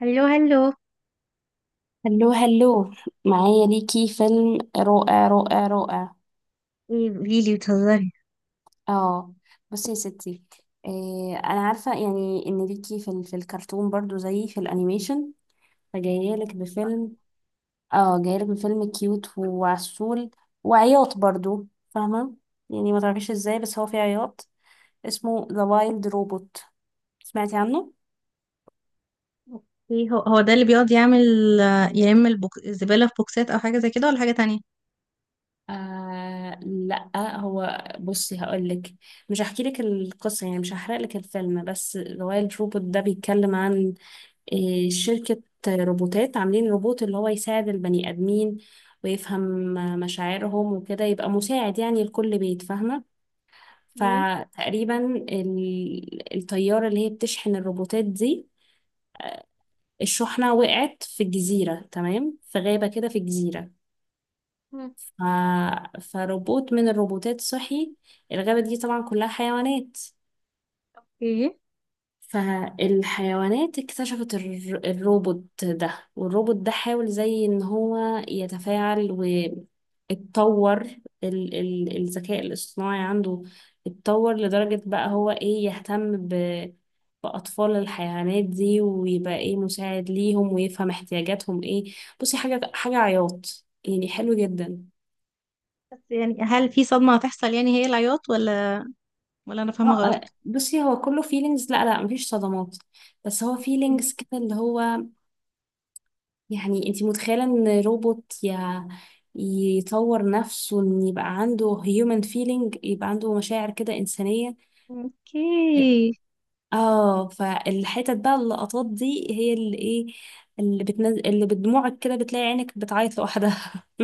هلو هلو. هلو هلو، معايا ليكي فيلم رائع رائع رائع. ايه، قوليلي، بتهزري؟ اه، بصي يا ستي، إيه انا عارفه يعني ان ليكي في الكرتون برضو زي في الانيميشن، فجايه لك بفيلم. اه، جايه لك بفيلم كيوت وعسول وعياط برضو، فاهمه يعني؟ ما تعرفيش ازاي بس هو فيه عياط. اسمه ذا وايلد روبوت، سمعتي عنه؟ ايه، هو ده اللي بيقعد يعمل. الزبالة في بوكسات او حاجة زي كده، ولا حاجة تانية؟ آه لا، هو بصي هقولك، مش هحكي لك القصة يعني، مش هحرق لك الفيلم، بس رويال روبوت ده بيتكلم عن شركة روبوتات، عاملين روبوت اللي هو يساعد البني آدمين ويفهم مشاعرهم وكده، يبقى مساعد يعني لكل بيت، فاهمة؟ ايه. فتقريبا الطيارة اللي هي بتشحن الروبوتات دي، الشحنة وقعت في الجزيرة، تمام؟ في غابة كده في الجزيرة. مم. ف... فروبوت من الروبوتات صحي. الغابة دي طبعا كلها حيوانات، ايه، فالحيوانات اكتشفت الروبوت ده، والروبوت ده حاول زي ان هو يتفاعل واتطور. الذكاء الاصطناعي عنده اتطور لدرجة بقى هو ايه، يهتم بأطفال الحيوانات دي ويبقى ايه، مساعد ليهم ويفهم احتياجاتهم ايه. بصي حاجة حاجة عياط يعني، حلو جدا. بس يعني هل في صدمة هتحصل؟ يعني هي العياط، ولا انا اه فاهمة غلط؟ بصي هو كله فيلينجز، لا لا، مفيش صدمات، بس هو إنتي- فيلينجز كده اللي هو، يعني انتي متخيلة ان روبوت يا، يطور نفسه ان يبقى عنده هيومن فيلينج، يبقى عنده مشاعر كده إنسانية. اوكي. اه، فالحتت بقى اللقطات دي هي اللي ايه، اللي بتنزل اللي بدموعك كده، بتلاقي عينك بتعيط لوحدها.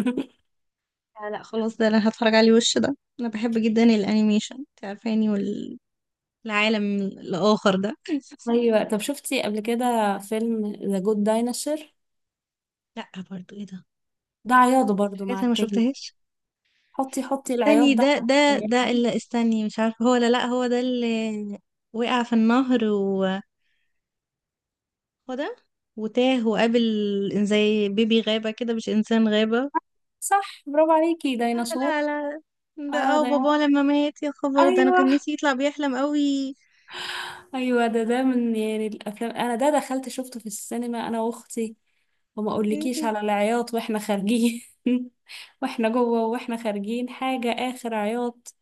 لا لا، خلاص، ده انا هتفرج عليه وش ده، انا بحب جدا الانيميشن، انت عارفاني، والعالم الاخر ده ايوه، طب شفتي قبل كده فيلم ذا جود دايناسور؟ لا، برضو ايه ده؟ ده عياط برضو حاجات مع انا ما التاني. شفتهاش. حطي العياط استني، ده. ده ده اللي، استني، مش عارفة هو ولا لأ. هو ده اللي وقع في النهر و، هو ده، وتاه وقابل زي بيبي غابة كده، مش إنسان غابة. صح، برافو عليكي. لا ديناصور، لا لا. ده اه دي... بابا لما مات، يا خبر، ده أنا ايوه كان نفسي يطلع بيحلم قوي. ايوه، ده ده من يعني الافلام، انا ده دخلت شفته في السينما انا واختي، وما اقولكيش مم. على العياط واحنا خارجين. واحنا جوه واحنا خارجين، حاجه اخر عياط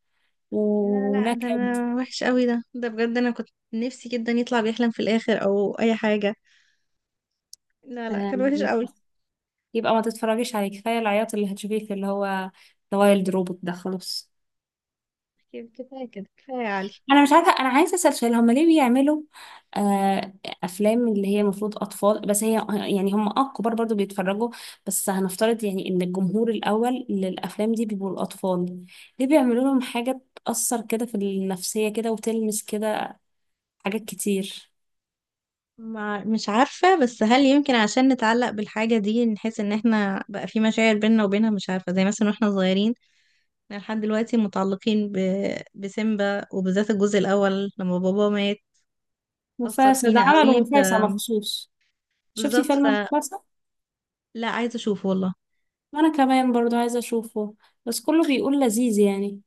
لا لا، ده ونكد. أنا وحش قوي، ده بجد أنا كنت نفسي جدا يطلع بيحلم في الآخر أو أي حاجة. لا لا، كان وحش آه، قوي. يبقى ما تتفرجيش عليه، كفايه العياط اللي هتشوفيه في اللي هو ذا وايلد روبوت ده، خلاص. كفاية كده، كفاية يا علي. انا مش عارفه، انا عايزه اسال سؤال، هم ليه بيعملوا آه افلام اللي هي المفروض اطفال، بس هي يعني هم اه كبار برضو بيتفرجوا، بس هنفترض يعني ان الجمهور الاول للافلام دي بيبقوا الاطفال، ليه بيعملوا لهم حاجه تاثر كده في النفسيه كده وتلمس كده حاجات كتير؟ مش عارفة، بس هل يمكن عشان نتعلق بالحاجة دي نحس ان احنا بقى في مشاعر بيننا وبينها؟ مش عارفة، زي مثلا واحنا صغيرين، احنا لحد دلوقتي متعلقين بسيمبا، وبالذات الجزء الاول لما بابا مات أثر مفاسة، ده فينا عملوا قوي. مفاسة مخصوص. شفتي بالظبط، فيلم فلا، مفاسة؟ عايزة اشوفه والله. وانا كمان برضو عايزه اشوفه، بس كله بيقول لذيذ يعني.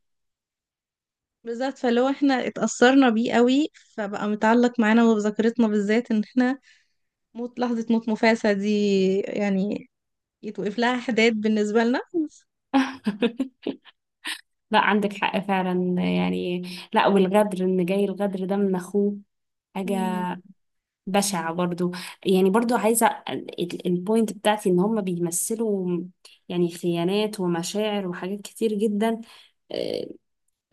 بالظبط، فلو احنا اتأثرنا بيه قوي، فبقى متعلق معانا وبذاكرتنا، بالذات ان احنا لحظة موت مفاسة دي يعني يتوقف لها حداد بالنسبة لنا. لا، عندك حق فعلا يعني. لا، والغدر، ان جاي الغدر ده من اخوه، حاجة مم. بشعة برضو. يعني برضو عايزة، البوينت بتاعتي ان هم بيمثلوا يعني خيانات ومشاعر وحاجات كتير جدا، آه،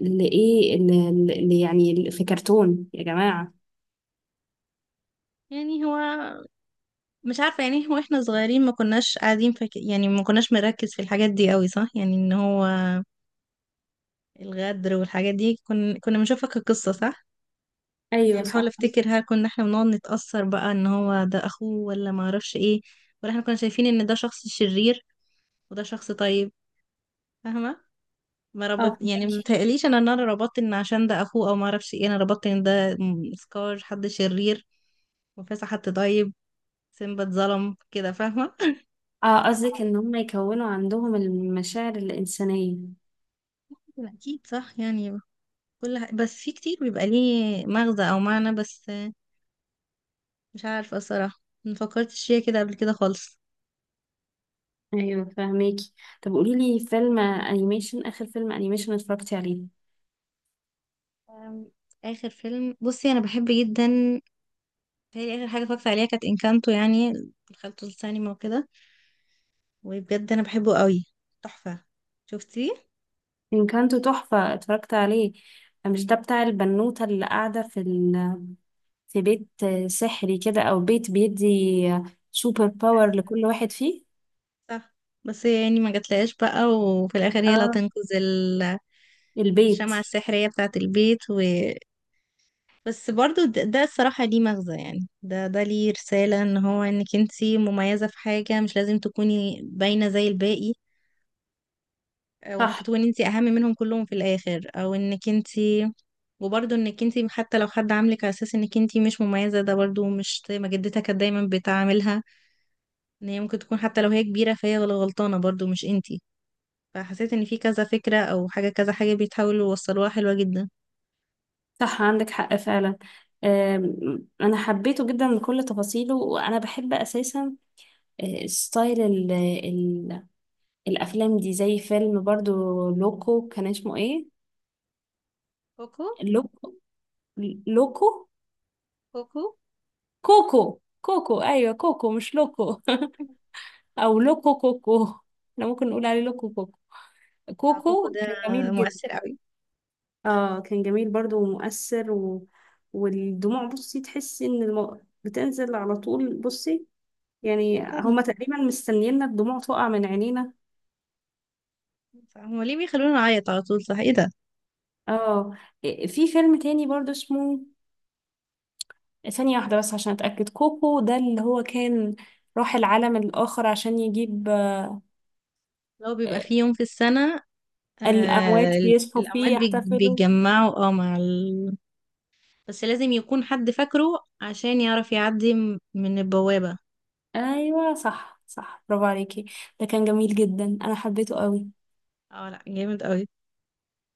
اللي ايه اللي، اللي يعني في كرتون يا جماعة. يعني هو مش عارفة، يعني هو احنا صغيرين ما كناش قاعدين يعني ما كناش مركز في الحاجات دي قوي، صح؟ يعني ان هو الغدر والحاجات دي كنا بنشوفها كقصة، صح؟ يعني ايوه بحاول صح. افتكر، هل كنا احنا بنقعد نتأثر بقى ان هو ده اخوه ولا ما اعرفش ايه؟ ولا احنا كنا شايفين ان ده شخص شرير وده شخص طيب، فاهمة؟ ما اه ربط، يعني ما فهمك. بتهيأليش انا ان انا ربطت ان عشان ده اخوه او ما اعرفش ايه، انا ربطت ان ده سكار حد شرير وفاسح حد طيب، سيمبا اتظلم كده، فاهمة؟ اه، قصدك ان هم يكونوا عندهم المشاعر الإنسانية. أكيد صح يعني، بس في كتير بيبقى ليه مغزى او معنى، بس مش عارفه الصراحه ما فكرتش فيها كده قبل كده خالص. ايوه فهميكي. طب قوليلي فيلم انيميشن، اخر فيلم انيميشن اتفرجتي عليه. أم، اخر فيلم، بصي انا بحب جدا، هي اخر حاجه اتفرجت عليها كانت انكانتو، يعني دخلته السينما وكده، وبجد انا بحبه قوي، تحفه. شفتيه؟ إن كانت تحفة، اتفرجت عليه. مش ده بتاع البنوتة اللي قاعدة في في بيت سحري كده، او بيت بيدي سوبر باور لكل واحد فيه؟ صح. بس هي يعني ما جاتلهاش بقى، وفي الاخر هي اللي اه، هتنقذ البيت. الشمعة السحرية بتاعة البيت. بس برضو ده الصراحة ليه مغزى، يعني ده ليه رسالة ان هو انك انتي مميزة في حاجة، مش لازم تكوني باينة زي الباقي، او ممكن صح تكوني انتي اهم منهم كلهم في الاخر، او انك انتي. وبرضو انك انتي حتى لو حد عاملك على اساس انك انتي مش مميزة، ده برضو مش زي ما جدتها كانت دايما بتعاملها، ان هي ممكن تكون حتى لو هي كبيرة فهي غلطانة برضو، مش انتي. فحسيت ان في كذا فكرة او حاجة، كذا حاجة بيتحاولوا يوصلوها حلوة جدا. صح، عندك حق فعلا. انا حبيته جدا بكل تفاصيله، وانا بحب اساسا ستايل ال الافلام دي، زي فيلم برضو لوكو، كان اسمه ايه؟ كوكو. لوكو، لوكو، كوكو. كوكو. كوكو، ايوه كوكو مش لوكو. او لوكو كوكو، احنا ممكن نقول عليه لوكو كوكو. كوكو كوكو ده كان جميل مؤثر جدا. قوي. اه، كان جميل برضو ومؤثر و... والدموع، بصي تحسي ان بتنزل على طول، بصي يعني هما تقريبا مستنيينا الدموع تقع من عينينا. هما ليه بيخلونا نعيط على طول؟ صح، ايه ده؟ اه، في فيلم تاني برضو اسمه، ثانية واحدة بس عشان اتأكد، كوكو ده اللي هو كان راح العالم الآخر عشان يجيب، لو بيبقى آه، في يوم في السنة، آه، الأموات بيصحوا الأموات فيه يحتفلوا. بيتجمعوا. بس لازم يكون حد فاكره عشان يعرف يعدي من البوابة. ايوه صح صح، برافو عليكي. ده كان جميل جدا، انا حبيته قوي. اه لا، جامد قوي.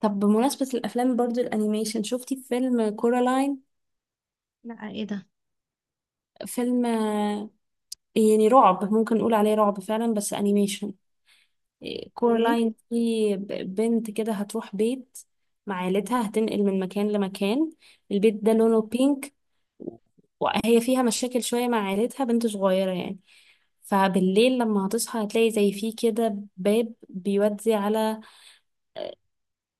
طب بمناسبة الأفلام برضو الأنيميشن، شفتي فيلم كورالاين؟ لا، ايه ده؟ فيلم يعني رعب، ممكن نقول عليه رعب فعلا بس انيميشن. اوكي. كورالاين دي بنت كده، هتروح بيت مع عيلتها، هتنقل من مكان لمكان. البيت ده لونه بينك، وهي فيها مشاكل شوية مع عيلتها، بنت صغيرة يعني. فبالليل لما هتصحى هتلاقي زي فيه كده باب بيودي على،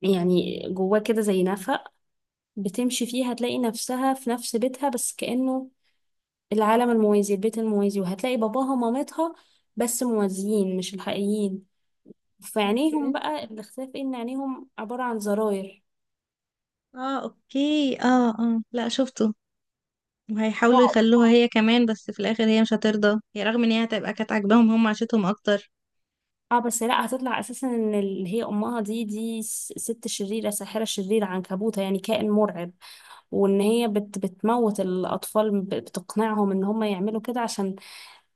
يعني جواه كده زي نفق، بتمشي فيه هتلاقي نفسها في نفس بيتها، بس كأنه العالم الموازي، البيت الموازي، وهتلاقي باباها ومامتها، بس موازيين مش الحقيقيين. في عينيهم اوكي، بقى الاختلاف إيه؟ ان عينيهم عبارة عن زراير. اه، اوكي، اه، اه، لا شفته، وهيحاولوا رعب. يخلوها هي كمان، بس في الآخر هي مش هترضى، هي رغم ان هي هتبقى كانت عاجباهم، هم عاشتهم اكتر. اه، بس لا، هتطلع اساسا ان اللي هي امها دي دي ست شريره، ساحره شريره عنكبوته يعني، كائن مرعب. وان هي بتموت الاطفال، بتقنعهم ان هم يعملوا كده عشان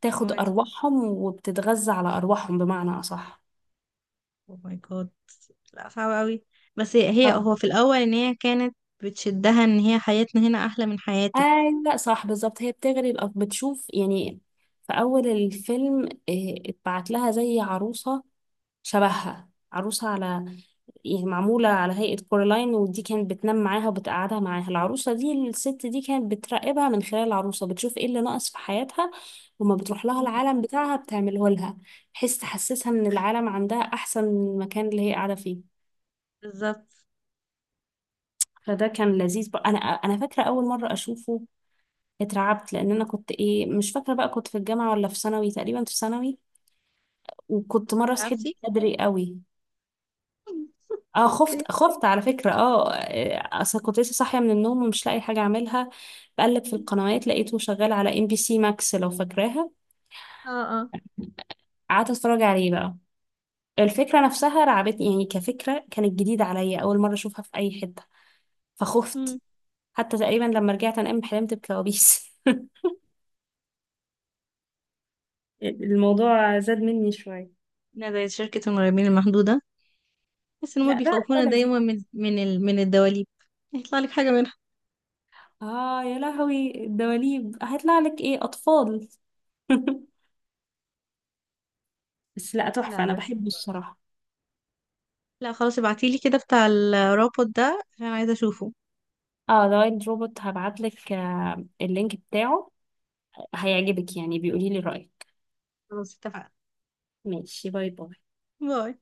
تاخد ارواحهم، وبتتغذى على ارواحهم بمعنى اصح. اوه ماي جاد، لا صعب قوي. بس هي اه هو في الاول ان هي كانت بتشدها ان هي حياتنا هنا احلى من حياتك. ايوه صح بالظبط، هي بتغري بتشوف يعني في اول الفيلم، اتبعت لها زي عروسه، شبهها عروسه على يعني معموله على هيئه كورالاين، ودي كانت بتنام معاها وبتقعدها معاها العروسه دي، الست دي كانت بتراقبها من خلال العروسه، بتشوف ايه اللي ناقص في حياتها، وما بتروح لها مم. العالم بتاعها بتعمله لها، بحيث تحسسها ان العالم عندها احسن من المكان اللي هي قاعده فيه. بالظبط. فده كان لذيذ بقى. انا فاكره اول مره اشوفه اترعبت، لان انا كنت ايه مش فاكره بقى، كنت في الجامعه ولا في ثانوي، تقريبا في ثانوي، وكنت كنت مره صحيت عارفتي؟ بدري قوي. اه، اوكي، خفت على فكره. اه اصل كنت لسه صاحيه من النوم، ومش لاقي حاجه اعملها، بقلب في القنوات لقيته شغال على MBC Max، لو فاكراها. اه، اه. قعدت اتفرج عليه بقى، الفكره نفسها رعبتني يعني، كفكره كانت جديده عليا، اول مره اشوفها في اي حته، فخفت. مم. حتى تقريبا لما رجعت انام حلمت بكوابيس. الموضوع زاد مني شويه. إنها زي شركة المرعبين المحدودة، بس ان هم لا ده بيخوفونا ده لذيذ. دايما من من الدواليب، هيطلع لك حاجة منها. اه يا لهوي، الدواليب هيطلع لك ايه، اطفال؟ بس لا، تحفة، لا انا بس، بحبه الصراحة. لا خلاص، ابعتيلي كده بتاع الرابط ده عشان عايزة اشوفه. اه، ذا وايلد روبوت، هبعت لك اللينك بتاعه، هيعجبك يعني، بيقولي لي رأيك. خلاص، اتفقنا. ماشي، باي باي. باي.